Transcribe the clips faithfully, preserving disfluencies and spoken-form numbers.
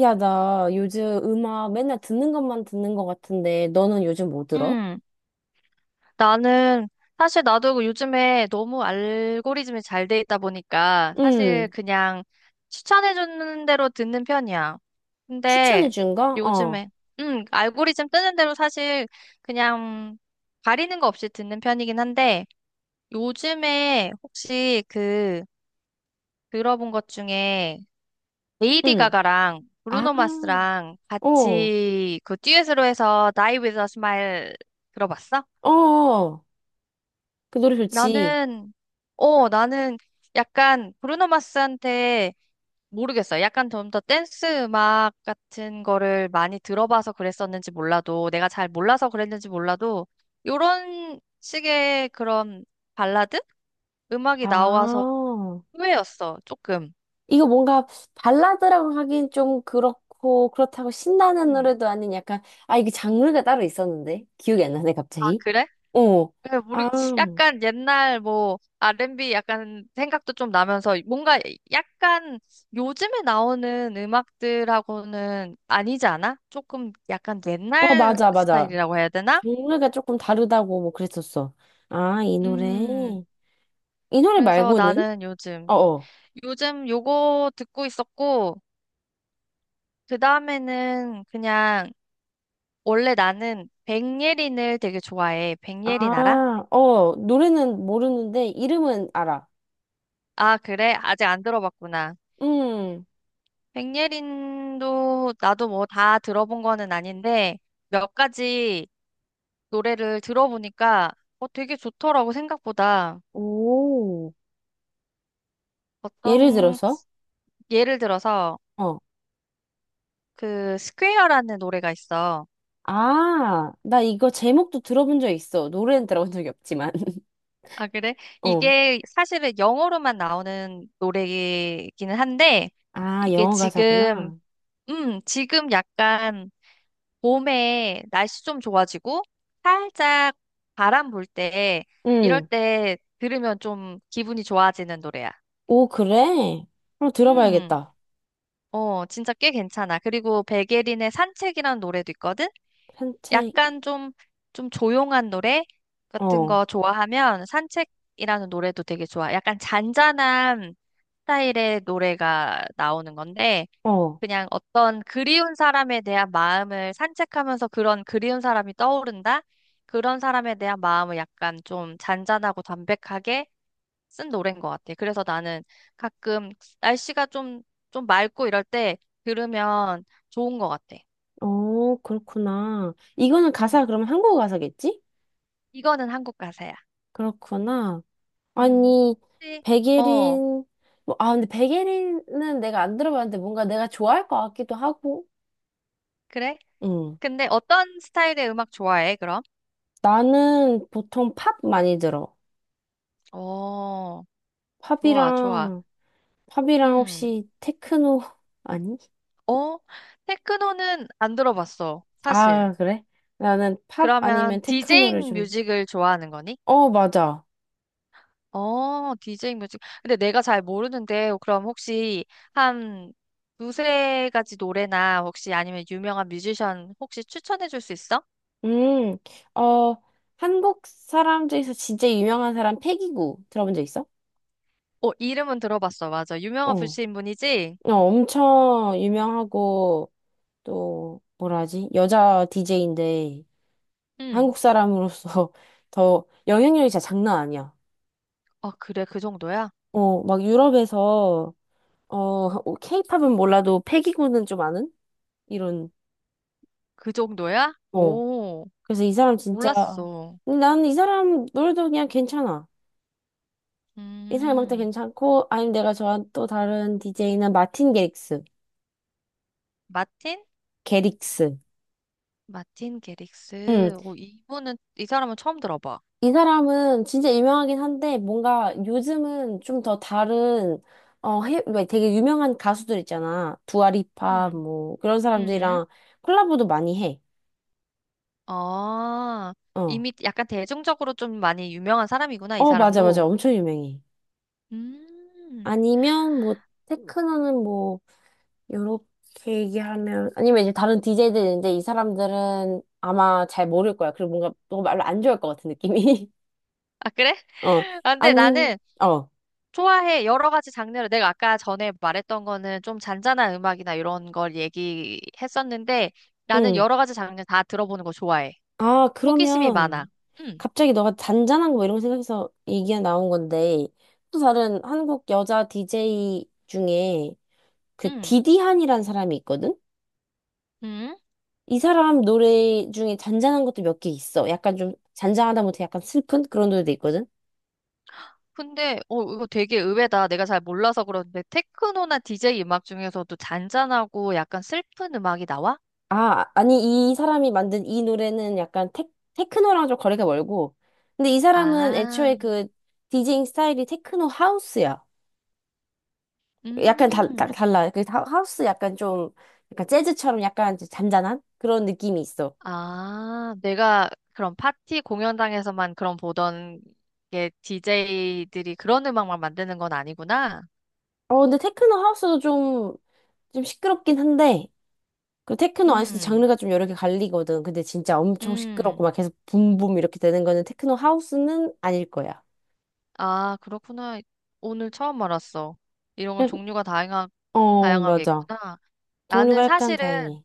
야, 나 요즘 음악 맨날 듣는 것만 듣는 것 같은데, 너는 요즘 뭐 들어? 음, 나는 사실 나도 요즘에 너무 알고리즘이 잘 돼 있다 보니까 사실 응, 그냥 추천해 주는 대로 듣는 편이야. 근데 추천해준 거? 어, 요즘에 음, 알고리즘 뜨는 대로 사실 그냥 가리는 거 없이 듣는 편이긴 한데, 요즘에 혹시 그 들어본 것 중에 레이디 응. 가가랑 아, 브루노 마스랑 어, 같이 그 듀엣으로 해서 Die With a Smile 들어봤어? 어, 어. 그 노래 좋지. 나는, 어, 나는 약간 브루노 마스한테 모르겠어. 약간 좀 더 댄스 음악 같은 거를 많이 들어봐서 그랬었는지 몰라도, 내가 잘 몰라서 그랬는지 몰라도, 요런 식의 그런 발라드 음악이 나와서 아, 의외였어, 조금. 이거 뭔가 발라드라고 하긴 좀 그렇고, 그렇다고 신나는 음. 노래도 아닌 약간, 아, 이게 장르가 따로 있었는데? 기억이 안 나네, 아, 갑자기. 그래? 어, 네, 모르, 아, 약간 옛날 뭐 알앤비 약간 생각도 좀 나면서 뭔가 약간 요즘에 나오는 음악들하고는 아니지 않아? 조금 약간 아, 옛날 맞아, 맞아. 스타일이라고 해야 되나? 장르가 조금 다르다고 뭐 그랬었어. 아, 이 노래. 음, 이 노래 그래서 말고는? 나는 요즘, 어어. 요즘 요거 듣고 있었고, 그 다음에는 그냥 원래 나는 백예린을 되게 좋아해. 백예린 알아? 아, 어, 노래는 모르는데 이름은 알아. 아, 그래? 아직 안 들어봤구나. 음, 백예린도 나도 뭐 다 들어본 거는 아닌데 몇 가지 노래를 들어보니까 어, 되게 좋더라고 생각보다. 오. 예를 어떤 들어서? 예를 들어서 어. 그 스퀘어라는 노래가 있어. 아, 나 이거 제목도 들어본 적 있어. 노래는 들어본 적이 없지만. 아, 그래? 어. 이게 사실은 영어로만 나오는 노래이기는 한데 아, 이게 영어 지금 가사구나. 음, 지금 약간 봄에 날씨 좀 좋아지고 살짝 바람 불 때, 이럴 음. 때 들으면 좀 기분이 좋아지는 노래야. 오, 그래? 그럼 음, 들어봐야겠다. 어, 진짜 꽤 괜찮아. 그리고 백예린의 산책이라는 노래도 있거든? 산책, 약간 좀, 좀 조용한 노래 같은 어, 거 좋아하면 산책이라는 노래도 되게 좋아. 약간 잔잔한 스타일의 노래가 나오는 건데, 어. 그냥 어떤 그리운 사람에 대한 마음을 산책하면서 그런 그리운 사람이 떠오른다? 그런 사람에 대한 마음을 약간 좀 잔잔하고 담백하게 쓴 노래인 것 같아. 그래서 나는 가끔 날씨가 좀, 좀 맑고 이럴 때 들으면 좋은 것 같아. 어, 그렇구나. 이거는 음, 가사, 그러면 한국어 가사겠지? 이거는 한국 가사야. 그렇구나. 음. 아니, 혹시- 어, 백예린, 뭐, 아, 근데 백예린은 내가 안 들어봤는데 뭔가 내가 좋아할 것 같기도 하고, 그래? 응. 근데 어떤 스타일의 음악 좋아해, 그럼? 나는 보통 팝 많이 들어. 어, 좋아, 좋아. 팝이랑, 팝이랑 음. 혹시 테크노, 아니? 어, 테크노는 안 들어봤어, 사실. 아, 그래? 나는 팝 그러면 아니면 테크노를 디제잉 좀, 뮤직을 좋아하는 거니? 어, 맞아. 어, 디제잉 뮤직. 근데 내가 잘 모르는데, 그럼 혹시 한 두세 가지 노래나 혹시 아니면 유명한 뮤지션 혹시 추천해 줄 수 있어? 음, 어, 한국 사람 중에서 진짜 유명한 사람 패기구 들어본 적 있어? 어, 이름은 들어봤어, 맞아. 유명한 어. 분이신 분이지? 어, 엄청 유명하고, 또 뭐라 하지? 여자 디제이인데 음. 한국 사람으로서 더 영향력이 진짜 장난 아니야. 아, 그래, 그 정도야? 어, 막 유럽에서 어, 어, 케이팝은 몰라도 패기구는 좀 아는 이런 그 정도야? 어. 오, 그래서 이 사람 진짜 몰랐어. 근데 나는 이 사람 노래도 그냥 괜찮아. 이 사람 음악도 음, 괜찮고 아니면 내가 좋아하는 또 다른 디제이는 마틴 게릭스. 마틴? 게릭스. 마틴 응, 게릭스. 오, 이분은, 이 사람은 처음 들어봐. 이 사람은 진짜 유명하긴 한데 뭔가 요즘은 좀 더 다른 어 해, 왜 되게 유명한 가수들 있잖아. 두아리파 음, 뭐 그런 음, 사람들이랑 콜라보도 많이 해. 아, 어. 이미 약간 대중적으로 좀 많이 유명한 사람이구나, 이 어 맞아 맞아. 사람도. 엄청 유명해. 음, 아니면 뭐 테크노는 뭐 요렇게 얘기하면 아니면 이제 다른 디제이들 있는데 이 사람들은 아마 잘 모를 거야. 그리고 뭔가 너무 말로 안 좋아할 것 같은 느낌이. 아, 그래? 어. 아, 근데 아님 나는 어. 좋아해. 여러 가지 장르를. 내가 아까 전에 말했던 거는 좀 잔잔한 음악이나 이런 걸 얘기했었는데, 나는 응. 여러 가지 장르 다 들어보는 거 좋아해. 아, 호기심이 많아. 그러면 음, 갑자기 너가 잔잔한 거 이런 거 생각해서 얘기가 나온 건데 또 다른 한국 여자 디제이 중에 그 음. 디디한이라는 사람이 있거든? 음. 이 사람 노래 중에 잔잔한 것도 몇 개 있어. 약간 좀 잔잔하다 못해 약간 슬픈 그런 노래도 있거든? 근데 어 이거 되게 의외다. 내가 잘 몰라서 그러는데 테크노나 디제이 음악 중에서도 잔잔하고 약간 슬픈 음악이 나와? 아, 아니 이 사람이 만든 이 노래는 약간 테, 테크노랑 좀 거리가 멀고 근데 이 사람은 애초에 아, 그 디제잉 스타일이 테크노 하우스야. 약간 달, 딱 음, 달라. 그 하- 하우스 약간 좀, 약간 재즈처럼 약간 이제 잔잔한 그런 느낌이 있어. 아, 내가 그런 파티 공연장에서만 그런 보던 게 디제이들이 그런 음악만 만드는 건 아니구나. 어, 근데 테크노 하우스도 좀, 좀 시끄럽긴 한데, 그 테크노 안에서도 음. 장르가 좀 여러 개 갈리거든. 근데 진짜 엄청 시끄럽고 음. 막 계속 붐붐 이렇게 되는 거는 테크노 하우스는 아닐 거야. 아, 그렇구나. 오늘 처음 알았어. 이런 건 그 종류가 다양하, 어, 다양하게 맞아. 있구나. 나는 종류가 약간 사실은 다양해.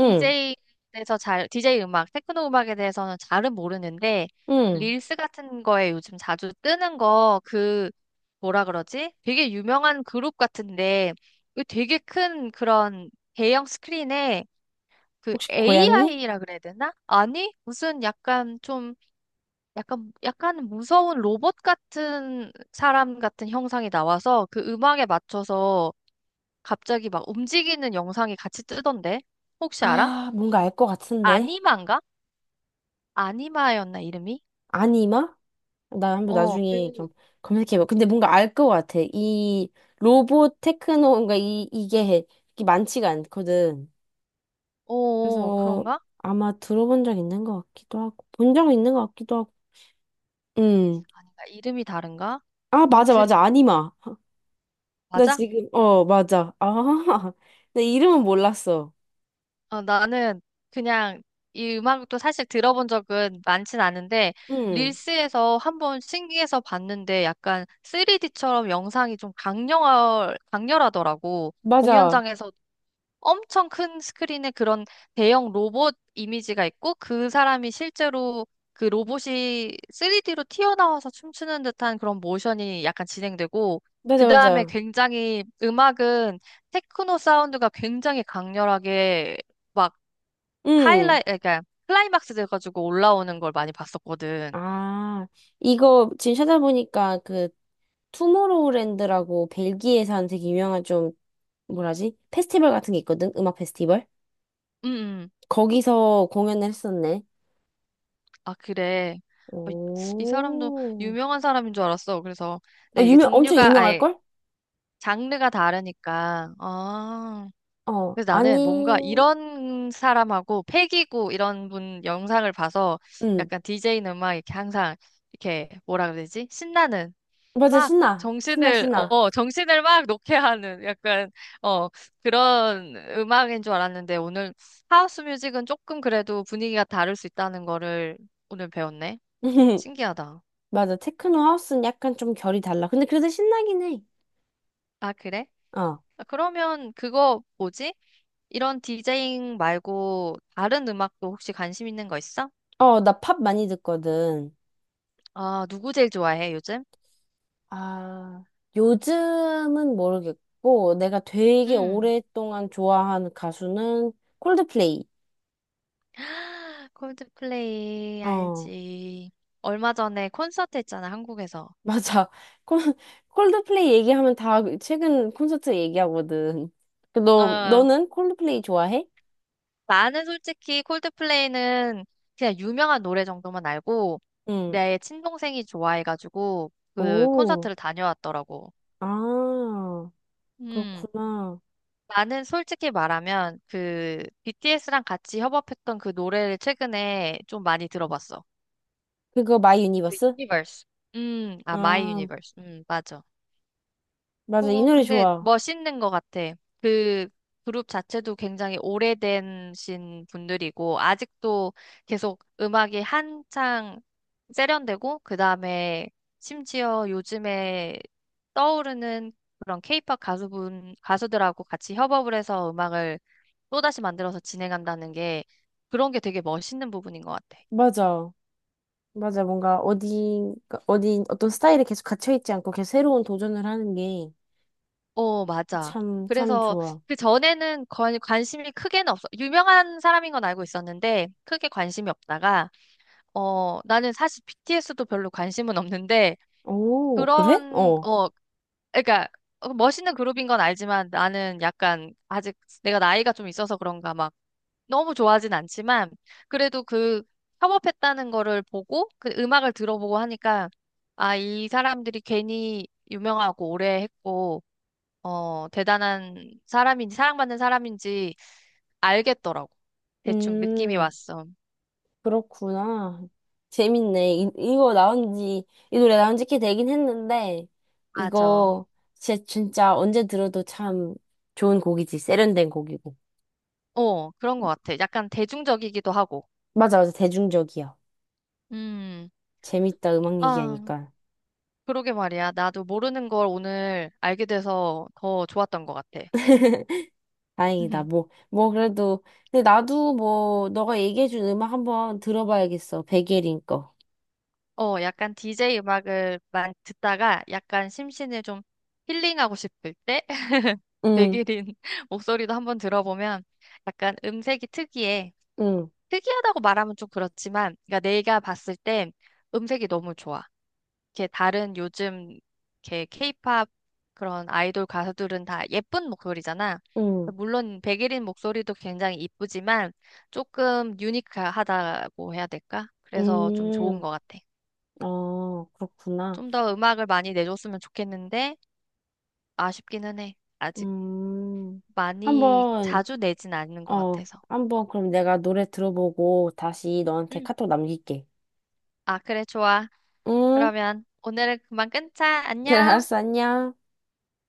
응, 디제이에 대해서 잘, 디제이 음악, 테크노 음악에 대해서는 잘은 모르는데, 응. 릴스 같은 거에 요즘 자주 뜨는 거, 그, 뭐라 그러지? 되게 유명한 그룹 같은데, 그 되게 큰 그런 대형 스크린에 그 혹시 고양이? 에이아이라 그래야 되나? 아니, 무슨 약간 좀, 약간, 약간 무서운 로봇 같은 사람 같은 형상이 나와서 그 음악에 맞춰서 갑자기 막 움직이는 영상이 같이 뜨던데? 혹시 알아? 아, 뭔가 알 것 같은데. 아니만가? 아니마였나 이름이? 아니마? 나 한번 어, 나중에 좀 그, 검색해봐. 근데 뭔가 알 것 같아. 이 로봇 테크노인가 이 이게 이게 많지가 않거든. 어, 어, 그래서 그런가? 아마 들어본 적 있는 것 같기도 하고 본 적 있는 것 같기도 하고. 음. 아닌가? 이름이 다른가? 아 맞아 아무튼 맞아 아니마. 나 맞아? 지금 어 맞아. 아. 나 이름은 몰랐어. 어, 나는 그냥 이 음악도 사실 들어본 적은 많진 않은데 음. 릴스에서 한번 신기해서 봤는데 약간 쓰리디처럼 영상이 좀 강렬 강렬하더라고. 맞아. 공연장에서 엄청 큰 스크린에 그런 대형 로봇 이미지가 있고 그 사람이 실제로 그 로봇이 쓰리디로 튀어나와서 춤추는 듯한 그런 모션이 약간 진행되고 그 맞아 다음에 맞아. 굉장히 음악은 테크노 사운드가 굉장히 강렬하게 막 하이라이 음. 아, 그러니까 클라이막스 돼가지고 올라오는 걸 많이 봤었거든. 아 이거 지금 찾아보니까 그 투모로우랜드라고 벨기에 산 되게 유명한 좀 뭐라지? 페스티벌 같은 게 있거든? 음악 페스티벌? 음, 음. 거기서 공연을 했었네. 아, 그래. 어, 이 사람도 오. 유명한 사람인 줄 알았어. 그래서 아, 네, 이게 유명, 엄청 종류가 아예 유명할걸? 장르가 다르니까. 아. 어, 그래서 나는 뭔가 아니, 이런 사람하고 패기고 이런 분 영상을 봐서 응. 약간 디제이는 막 이렇게 항상 이렇게 뭐라 그래야 되지? 신나는 맞아, 막 신나. 신나, 정신을 어 신나. 어, 정신을 막 놓게 하는 약간 어 그런 음악인 줄 알았는데 오늘 하우스 뮤직은 조금 그래도 분위기가 다를 수 있다는 거를 오늘 배웠네. 신기하다. 맞아, 테크노 하우스는 약간 좀 결이 달라. 근데 그래도 신나긴 해. 아, 그래? 어. 아, 그러면 그거 뭐지? 이런 디제잉 말고 다른 음악도 혹시 관심 있는 거 있어? 어, 나 팝 많이 듣거든. 아, 누구 제일 좋아해, 요즘? 아, 요즘은 모르겠고, 내가 되게 음. 오랫동안 좋아하는 가수는 콜드플레이. 콜드플레이 어. 알지. 얼마 전에 콘서트 했잖아, 한국에서. 맞아. 콜, 콜드플레이 얘기하면 다 최근 콘서트 얘기하거든. 그 너, 어, 너는 콜드플레이 좋아해? 나는 솔직히 콜드플레이는 그냥 유명한 노래 정도만 알고 응. 내 친동생이 좋아해가지고 그 오, 콘서트를 다녀왔더라고. 아, 음. 그렇구나. 나는 솔직히 말하면 그 비티에스랑 같이 협업했던 그 노래를 최근에 좀 많이 들어봤어. 그거 마이 그 유니버스? 유니버스. 음, 아, 마이 아, 유니버스. 음, 맞아. 맞아. 이 그거 노래 근데 좋아. 멋있는 것 같아. 그 그룹 자체도 굉장히 오래된신 분들이고 아직도 계속 음악이 한창 세련되고 그다음에 심지어 요즘에 떠오르는 그런 케이팝 가수분 가수들하고 같이 협업을 해서 음악을 또다시 만들어서 진행한다는 게 그런 게 되게 멋있는 부분인 것 같아. 맞아. 맞아. 뭔가 어디, 그러니까 어디, 어떤 스타일에 계속 갇혀있지 않고 계속 새로운 도전을 하는 게 어, 맞아. 참, 참 그래서 좋아. 그 전에는 관, 관심이 크게는 없어. 유명한 사람인 건 알고 있었는데 크게 관심이 없다가 어, 나는 사실 비티에스도 별로 관심은 없는데 오, 그래? 그런 어. 어, 그러니까 어, 멋있는 그룹인 건 알지만 나는 약간 아직 내가 나이가 좀 있어서 그런가 막 너무 좋아하진 않지만 그래도 그 협업했다는 거를 보고 그 음악을 들어보고 하니까 아, 이 사람들이 괜히 유명하고 오래 했고 어, 대단한 사람인지, 사랑받는 사람인지 알겠더라고. 대충 느낌이 음. 왔어. 그렇구나. 재밌네. 이, 이거 나온 지, 이 노래 나온 지 꽤 되긴 했는데, 맞아. 이거 진짜, 진짜 언제 들어도 참 좋은 곡이지. 세련된 곡이고. 어, 그런 것 같아. 약간 대중적이기도 하고. 맞아, 맞아. 대중적이야. 음, 재밌다. 음악 아, 얘기하니까. 그러게 말이야. 나도 모르는 걸 오늘 알게 돼서 더 좋았던 것 같아. 다행이다. 뭐, 뭐, 그래도. 근데 나도 뭐, 너가 얘기해준 음악 한번 들어봐야겠어. 백예린 거. 어, 약간 디제이 음악을 많이 듣다가 약간 심신을 좀 힐링하고 싶을 때 응, 백일인 목소리도 한번 들어보면 약간 음색이 특이해. 응, 특이하다고 말하면 좀 그렇지만, 그러니까 내가 봤을 때 음색이 너무 좋아. 이렇게 다른 요즘 이렇게 케이팝 그런 아이돌 가수들은 다 예쁜 목소리잖아. 응, 물론 백일인 목소리도 굉장히 이쁘지만 조금 유니크하다고 해야 될까? 그래서 좀 좋은 응. 것 같아. 어, 그렇구나. 좀 더 음악을 많이 내줬으면 좋겠는데 아쉽기는 해. 아직 음, 많이 한번. 자주 내진 않는 것 어, 같아서. 한번 그럼 내가 노래 들어보고 다시 너한테 응. 카톡 남길게. 아, 그래, 좋아. 응? 그러면 오늘은 그만 끊자. 그래, 안녕. 알았어, 안녕.